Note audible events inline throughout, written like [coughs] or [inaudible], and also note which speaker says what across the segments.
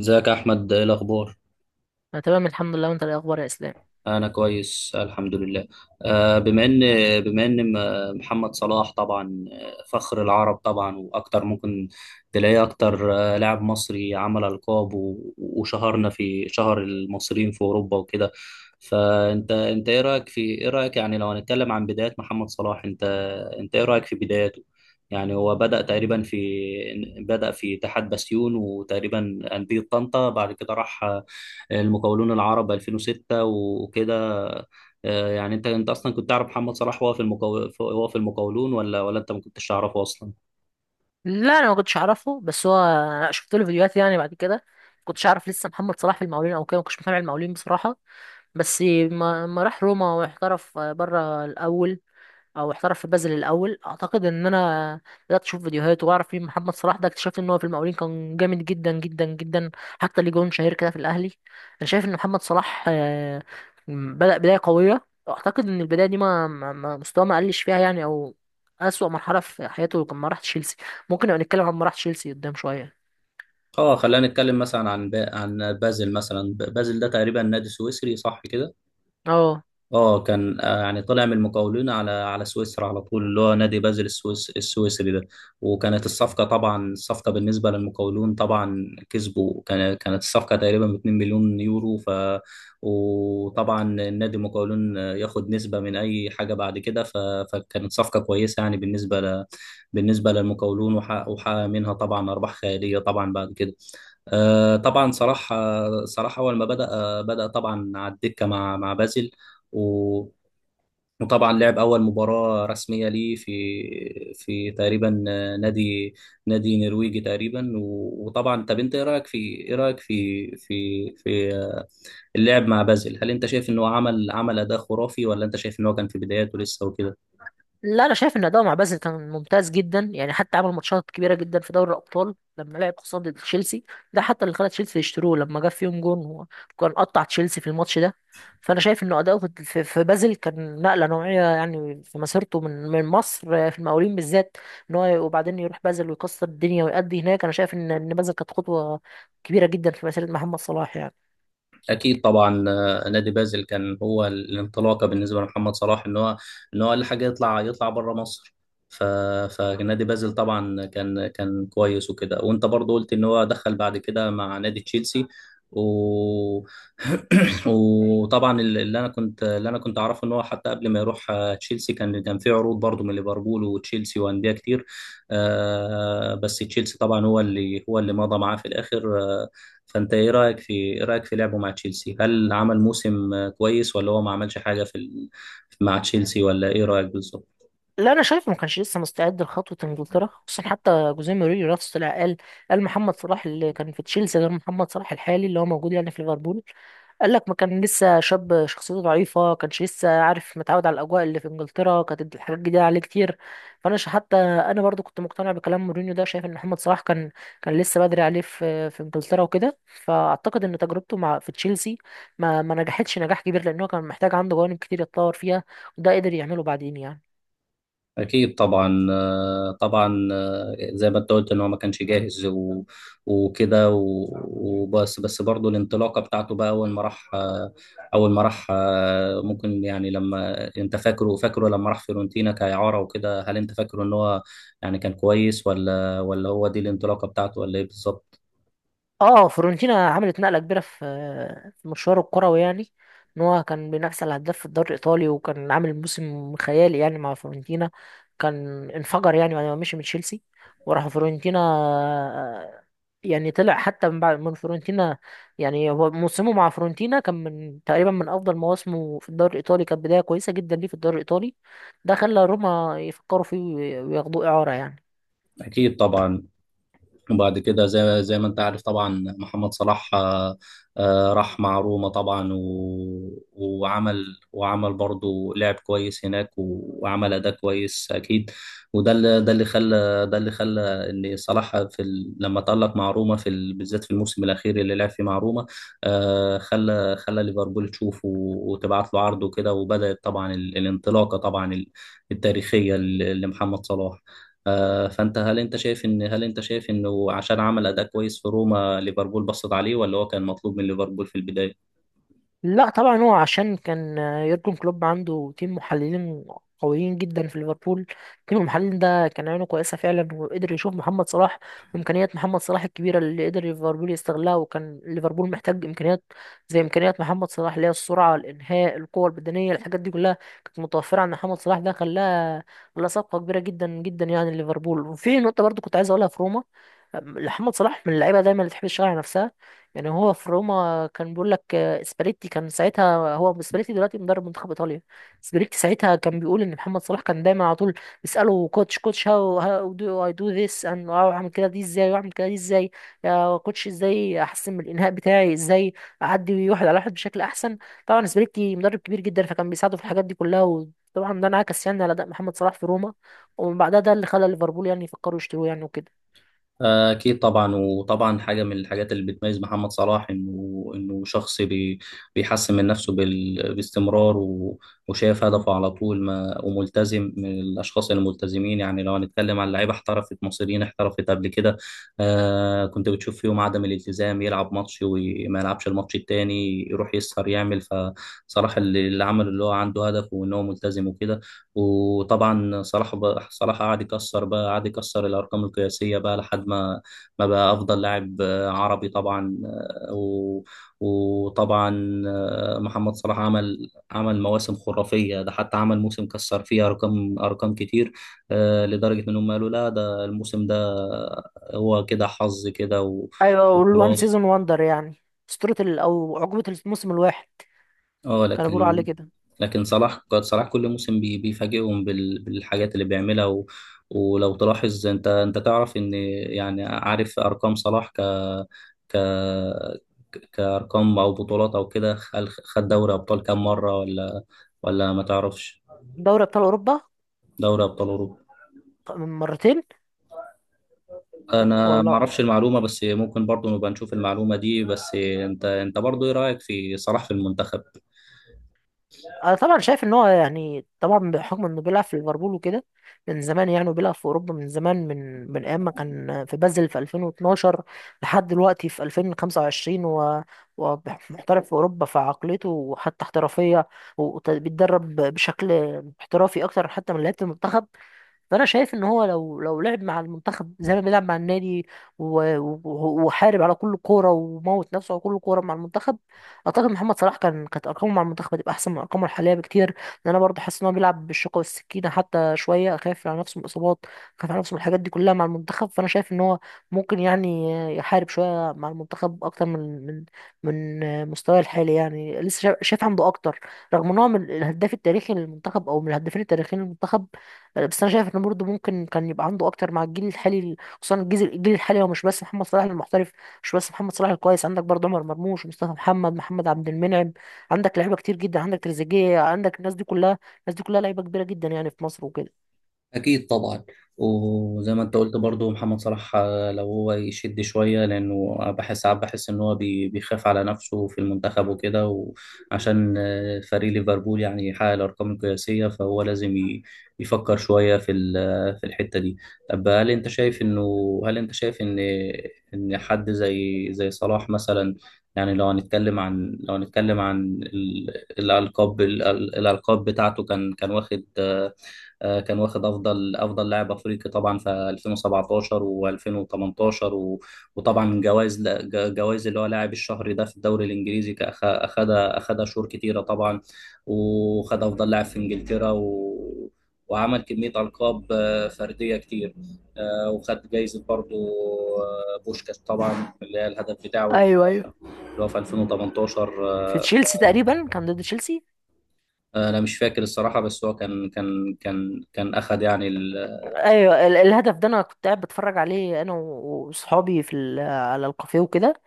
Speaker 1: ازيك يا احمد، ايه الاخبار؟
Speaker 2: انا تمام، الحمد لله. وانت إيه الاخبار يا اسلام؟
Speaker 1: انا كويس الحمد لله. آه، بما ان محمد صلاح طبعا، فخر العرب طبعا، واكتر ممكن تلاقيه اكتر. لاعب مصري عمل القاب وشهرنا في شهر المصريين في اوروبا وكده. فانت ايه رايك في ايه رايك يعني، لو هنتكلم عن بدايات محمد صلاح، انت ايه رايك في بداياته؟ يعني هو بدأ تقريبا في، بدأ في اتحاد بسيون وتقريبا أندية طنطا، بعد كده راح المقاولون العرب 2006 وكده. يعني انت اصلا كنت تعرف محمد صلاح وهو في المقاول، وهو في المقاولون، ولا انت ما كنتش تعرفه اصلا؟
Speaker 2: لا، انا ما كنتش اعرفه، بس هو أنا شفت له فيديوهات يعني بعد كده. ما كنتش اعرف لسه محمد صلاح في المقاولين او كده، ما كنتش متابع المقاولين بصراحه. بس ما راح روما واحترف بره الاول، او احترف في بازل الاول. اعتقد ان انا بدات اشوف فيديوهات واعرف مين محمد صلاح ده، اكتشفت ان هو في المقاولين كان جامد جدا جدا جدا، حتى ليه جون شهير كده في الاهلي. انا شايف ان محمد صلاح بدا بدايه قويه. اعتقد ان البدايه دي مستواه ما قلش فيها يعني، او اسوأ مرحله في حياته لما راح تشيلسي. ممكن نبقى نتكلم عن ما راح تشيلسي قدام شويه.
Speaker 1: اه، خلينا نتكلم مثلا عن بازل مثلا. بازل ده تقريبا نادي سويسري، صح كده؟
Speaker 2: اه،
Speaker 1: اه، كان يعني طلع من المقاولين على سويسرا على طول، اللي هو نادي بازل السويسري ده. وكانت الصفقه، طبعا الصفقه بالنسبه للمقاولون طبعا كسبوا، كانت الصفقه تقريبا ب 2 مليون يورو. وطبعا النادي المقاولون ياخد نسبه من اي حاجه بعد كده. فكانت صفقه كويسه يعني بالنسبه بالنسبه للمقاولون، وحقق منها طبعا ارباح خياليه طبعا بعد كده. طبعا صلاح اول ما بدا طبعا على الدكه مع بازل. و... وطبعا لعب أول مباراة رسمية ليه في تقريبا نادي نادي نرويجي تقريبا. وطبعا طب أنت إيه رأيك في اللعب مع بازل؟ هل أنت شايف إن هو عمل أداء خرافي، ولا أنت شايف إن هو كان في بداياته لسه وكده؟
Speaker 2: لا، انا شايف ان اداؤه مع بازل كان ممتاز جدا يعني، حتى عمل ماتشات كبيره جدا في دوري الابطال لما لعب خصوصا ضد تشيلسي. ده حتى اللي خلى تشيلسي يشتروه لما جاب فيهم جون هو، كان قطع تشيلسي في الماتش ده. فانا شايف انه اداؤه في بازل كان نقله نوعيه يعني في مسيرته من مصر في المقاولين بالذات، ان هو وبعدين يروح بازل ويكسر الدنيا ويأدي هناك. انا شايف ان بازل كانت خطوه كبيره جدا في مسيره محمد صلاح يعني.
Speaker 1: اكيد طبعا. نادي بازل كان هو الانطلاقه بالنسبه لمحمد صلاح، ان هو اقل حاجه يطلع بره مصر. ف فنادي بازل طبعا كان كويس وكده. وانت برضو قلت ان هو دخل بعد كده مع نادي تشيلسي و... [coughs] [clears throat] وطبعا اللي انا كنت اعرفه ان هو حتى قبل ما يروح تشيلسي، كان في عروض برضو من ليفربول وتشيلسي وانديه كتير. بس تشيلسي طبعا هو اللي مضى معاه في الاخر. فانت ايه رايك في لعبه مع تشيلسي؟ هل عمل موسم كويس، ولا هو ما عملش حاجه في مع تشيلسي؟ ولا ايه رايك بالظبط؟
Speaker 2: لا، انا شايف ما كانش لسه مستعد لخطوه انجلترا، خصوصا حتى جوزيه مورينيو نفسه طلع قال محمد صلاح اللي كان في تشيلسي غير محمد صلاح الحالي اللي هو موجود يعني في ليفربول. قال لك ما كان لسه شاب، شخصيته ضعيفه، كانش لسه عارف متعود على الاجواء اللي في انجلترا، كانت الحاجات جديده عليه كتير. فانا حتى انا برضو كنت مقتنع بكلام مورينيو ده، شايف ان محمد صلاح كان لسه بدري عليه في انجلترا وكده. فاعتقد ان تجربته مع في تشيلسي ما نجحتش نجاح كبير، لان هو كان محتاج عنده جوانب كتير يتطور فيها، وده قدر يعمله بعدين يعني.
Speaker 1: اكيد طبعا. زي ما انت قلت ان هو ما كانش جاهز وكده وبس برضه الانطلاقه بتاعته بقى اول ما راح آه، ممكن يعني، لما انت فاكره فاكره لما راح فيورنتينا كاعاره وكده، هل انت فاكره ان هو يعني كان كويس، ولا هو دي الانطلاقه بتاعته ولا ايه بالظبط؟
Speaker 2: اه، فيورنتينا عملت نقله كبيره في مشواره الكروي يعني، ان هو كان بينافس على الهداف في الدوري الايطالي وكان عامل موسم خيالي يعني مع فيورنتينا. كان انفجر يعني بعد ما مشي من تشيلسي وراح فيورنتينا. يعني طلع حتى من بعد من فيورنتينا. يعني هو موسمه مع فيورنتينا كان من تقريبا من افضل مواسمه في الدوري الايطالي، كانت بدايه كويسه جدا ليه في الدوري الايطالي، ده خلى روما يفكروا فيه وياخدوه اعاره يعني.
Speaker 1: اكيد طبعا. وبعد كده، زي ما انت عارف طبعا، محمد صلاح راح مع روما طبعا وعمل برضه لعب كويس هناك، وعمل اداء كويس اكيد. وده اللي ده اللي خلى ده اللي خلى ان صلاح في لما تألق مع روما في بالذات في الموسم الاخير اللي لعب فيه مع روما. خلى ليفربول تشوفه وتبعت له عرض وكده. وبدأت طبعا الانطلاقه طبعا التاريخيه لمحمد صلاح. فانت هل انت شايف ان هل انت شايف انه عشان عمل اداء كويس في روما، ليفربول بصت عليه، ولا هو كان مطلوب من ليفربول في البدايه؟
Speaker 2: لا، طبعا هو عشان كان يورجن كلوب عنده تيم محللين قويين جدا في ليفربول. تيم المحللين ده كان عينه كويسة فعلا، وقدر يشوف محمد صلاح وإمكانيات محمد صلاح الكبيرة اللي قدر ليفربول يستغلها. وكان ليفربول محتاج إمكانيات زي إمكانيات محمد صلاح، اللي هي السرعة، الإنهاء، القوة البدنية، الحاجات دي كلها كانت متوفرة عند محمد صلاح. ده خلاها صفقة كبيرة جدا جدا يعني ليفربول. وفي نقطة برضو كنت عايز أقولها في روما، محمد صلاح من اللعيبة دايما اللي تحب تشتغل على نفسها. يعني هو في روما كان بيقول لك، سباليتي كان ساعتها، هو سباليتي دلوقتي مدرب منتخب ايطاليا. سباليتي ساعتها كان بيقول ان محمد صلاح كان دايما على طول بيساله، كوتش كوتش، هاو دو اي دو ذس، اند اعمل كده دي ازاي، واعمل كده دي ازاي؟ يا كوتش، ازاي احسن من الانهاء بتاعي؟ ازاي اعدي واحد على واحد بشكل احسن؟ طبعا سباليتي مدرب كبير جدا، فكان بيساعده في الحاجات دي كلها، وطبعا ده انعكس يعني على اداء محمد صلاح في روما. ومن بعدها ده اللي خلى ليفربول يعني يفكروا يشتروه يعني وكده.
Speaker 1: أكيد طبعا. وطبعا حاجة من الحاجات اللي بتميز محمد صلاح، إنه شخص بيحسن من نفسه باستمرار، وشايف هدفه على طول، ما وملتزم، من الأشخاص الملتزمين. يعني لو هنتكلم عن لعيبة احترفت مصريين احترفت قبل كده، كنت بتشوف فيهم عدم الالتزام، يلعب ماتش وما يلعبش الماتش التاني، يروح يسهر يعمل. فصلاح اللي هو عنده هدف وإن هو ملتزم وكده. وطبعا صلاح قعد يكسر بقى، قعد يكسر الارقام القياسيه، بقى لحد ما بقى افضل لاعب عربي طبعا. وطبعا محمد صلاح عمل مواسم خرافيه. ده حتى عمل موسم كسر فيه ارقام، كتير، لدرجه انهم قالوا لا، ده الموسم ده هو كده حظ كده.
Speaker 2: ايوه، والوان سيزون
Speaker 1: وخلاص.
Speaker 2: وندر يعني. او عقبه الموسم الواحد
Speaker 1: اه
Speaker 2: كانوا بيقولوا عليه
Speaker 1: لكن،
Speaker 2: كده.
Speaker 1: صلاح كل موسم بيفاجئهم بالحاجات اللي بيعملها. ولو تلاحظ، انت تعرف ان يعني عارف ارقام صلاح، ك ك كارقام او بطولات او كده، خد دوري ابطال كام مره، ولا ما تعرفش؟
Speaker 2: دوري ابطال اوروبا،
Speaker 1: دوري ابطال اوروبا.
Speaker 2: من مرتين.
Speaker 1: انا ما
Speaker 2: والله،
Speaker 1: اعرفش المعلومه، بس ممكن برضو نبقى نشوف المعلومه دي. بس انت برضو ايه رايك في صلاح في المنتخب؟
Speaker 2: انا طبعا شايف ان هو، يعني طبعا بحكم انه بيلعب في ليفربول وكده من زمان يعني، وبيلعب في اوروبا من زمان، من ايام ما كان في بازل في 2012 لحد دلوقتي في 2025. ومحترف في اوروبا، فعقليته وحتى احترافيه وبيتدرب بشكل احترافي اكتر حتى من لعيبه المنتخب. فانا شايف ان هو لو لعب مع المنتخب زي ما بيلعب مع النادي، وحارب على كل كوره وموت نفسه على كل كوره مع المنتخب، اعتقد محمد صلاح كانت ارقامه مع المنتخب هتبقى احسن من ارقامه الحاليه بكتير. لان انا برضه حاسس ان هو بيلعب بالشوكه والسكينه، حتى شويه خايف على نفسه من الاصابات، خايف على نفسه من الحاجات دي كلها مع المنتخب. فانا شايف ان هو ممكن يعني يحارب شويه مع المنتخب اكتر من مستواه الحالي يعني. لسه شايف عنده اكتر، رغم ان هو من الهداف التاريخي للمنتخب او من الهدافين التاريخيين للمنتخب. بس انا شايف ان برضه ممكن كان يبقى عنده اكتر مع الجيل الحالي. خصوصا الجيل الحالي هو مش بس محمد صلاح المحترف، مش بس محمد صلاح الكويس. عندك برضه عمر مرموش، مصطفى محمد، محمد عبد المنعم، عندك لعيبه كتير جدا، عندك تريزيجيه، عندك الناس دي كلها. الناس دي كلها لعيبه كبيره جدا يعني في مصر وكده.
Speaker 1: أكيد طبعا. وزي ما أنت قلت برضو، محمد صلاح لو هو يشد شوية، لأنه بحس ساعات، بحس إن هو بيخاف على نفسه في المنتخب وكده. وعشان فريق ليفربول يعني يحقق الأرقام القياسية، فهو لازم يفكر شوية في في الحتة دي. طب هل أنت شايف إنه، هل أنت شايف إن حد زي صلاح مثلا، يعني لو هنتكلم عن الألقاب، الألقاب بتاعته، كان واخد كان واخد افضل لاعب افريقي طبعا في 2017 و2018، وطبعا جوائز، اللي هو لاعب الشهر ده في الدوري الانجليزي. اخدها شهور كتيره طبعا، وخد افضل لاعب في انجلترا، وعمل كميه القاب فرديه كتير. وخد جايزه برضو، بوشكاش طبعا، اللي هي الهدف بتاعه اللي
Speaker 2: ايوه، ايوه.
Speaker 1: هو في 2018
Speaker 2: في
Speaker 1: آه،
Speaker 2: تشيلسي تقريبا، كان ضد تشيلسي.
Speaker 1: آه، انا مش فاكر الصراحه، بس هو كان اخد يعني.
Speaker 2: ايوه، الهدف ده انا كنت قاعد بتفرج عليه انا وصحابي على الكافيه وكده.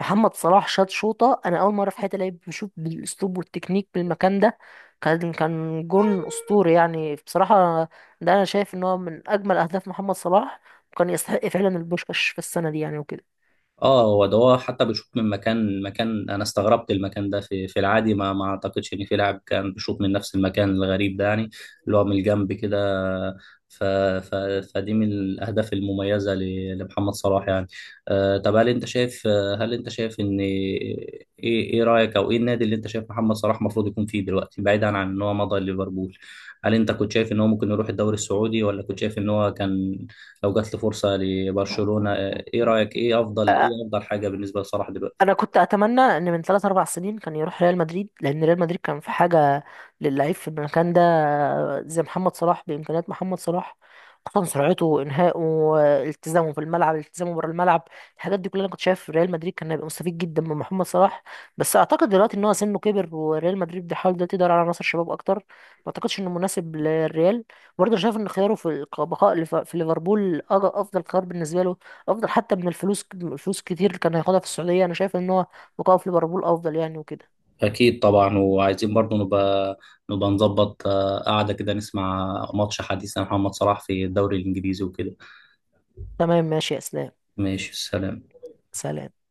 Speaker 2: محمد صلاح شاط شوطة، أنا أول مرة في حياتي لعيب بشوف بالأسلوب والتكنيك من المكان ده. كان جون أسطوري يعني بصراحة. ده أنا شايف إن هو من أجمل أهداف محمد صلاح، وكان يستحق فعلا البوشكاش في السنة دي يعني وكده.
Speaker 1: اه هو ده. هو حتى بيشوط من مكان، انا استغربت المكان ده في العادي، ما اعتقدش ان في لاعب كان بيشوط من نفس المكان الغريب ده يعني، اللي هو من الجنب كده. ف ف فدي من الاهداف المميزه لمحمد صلاح يعني. طب هل انت شايف ان ايه رايك، او ايه النادي اللي انت شايف محمد صلاح المفروض يكون فيه دلوقتي، بعيدا عن ان هو مضى ليفربول؟ هل انت كنت شايف ان هو ممكن يروح الدوري السعودي، ولا كنت شايف ان هو كان لو جات له فرصه لبرشلونه؟ ايه رأيك، ايه افضل حاجة بالنسبة لصلاح دلوقتي؟
Speaker 2: انا كنت اتمنى ان من 3 4 سنين كان يروح ريال مدريد، لان ريال مدريد كان في حاجه للعيب في المكان ده، زي محمد صلاح، بامكانيات محمد صلاح، خصوصا سرعته، انهائه، التزامه في الملعب، التزامه بره الملعب. الحاجات دي كلها انا كنت شايف ريال مدريد كان هيبقى مستفيد جدا من محمد صلاح. بس اعتقد دلوقتي ان هو سنه كبر، وريال مدريد بيحاول دلوقتي يدور على عناصر شباب اكتر، ما اعتقدش انه مناسب للريال. برضه أنا شايف ان خياره في البقاء في ليفربول افضل خيار بالنسبه له. افضل حتى من الفلوس، الفلوس كتير اللي كان هياخدها في السعوديه. انا شايف ان هو بقائه في ليفربول افضل يعني وكده.
Speaker 1: اكيد طبعا. وعايزين برضو نبقى نظبط قعدة كده، نسمع ماتش حديث عن محمد صلاح في الدوري الانجليزي وكده.
Speaker 2: تمام، ماشي يا اسلام.
Speaker 1: ماشي، سلام.
Speaker 2: سلام.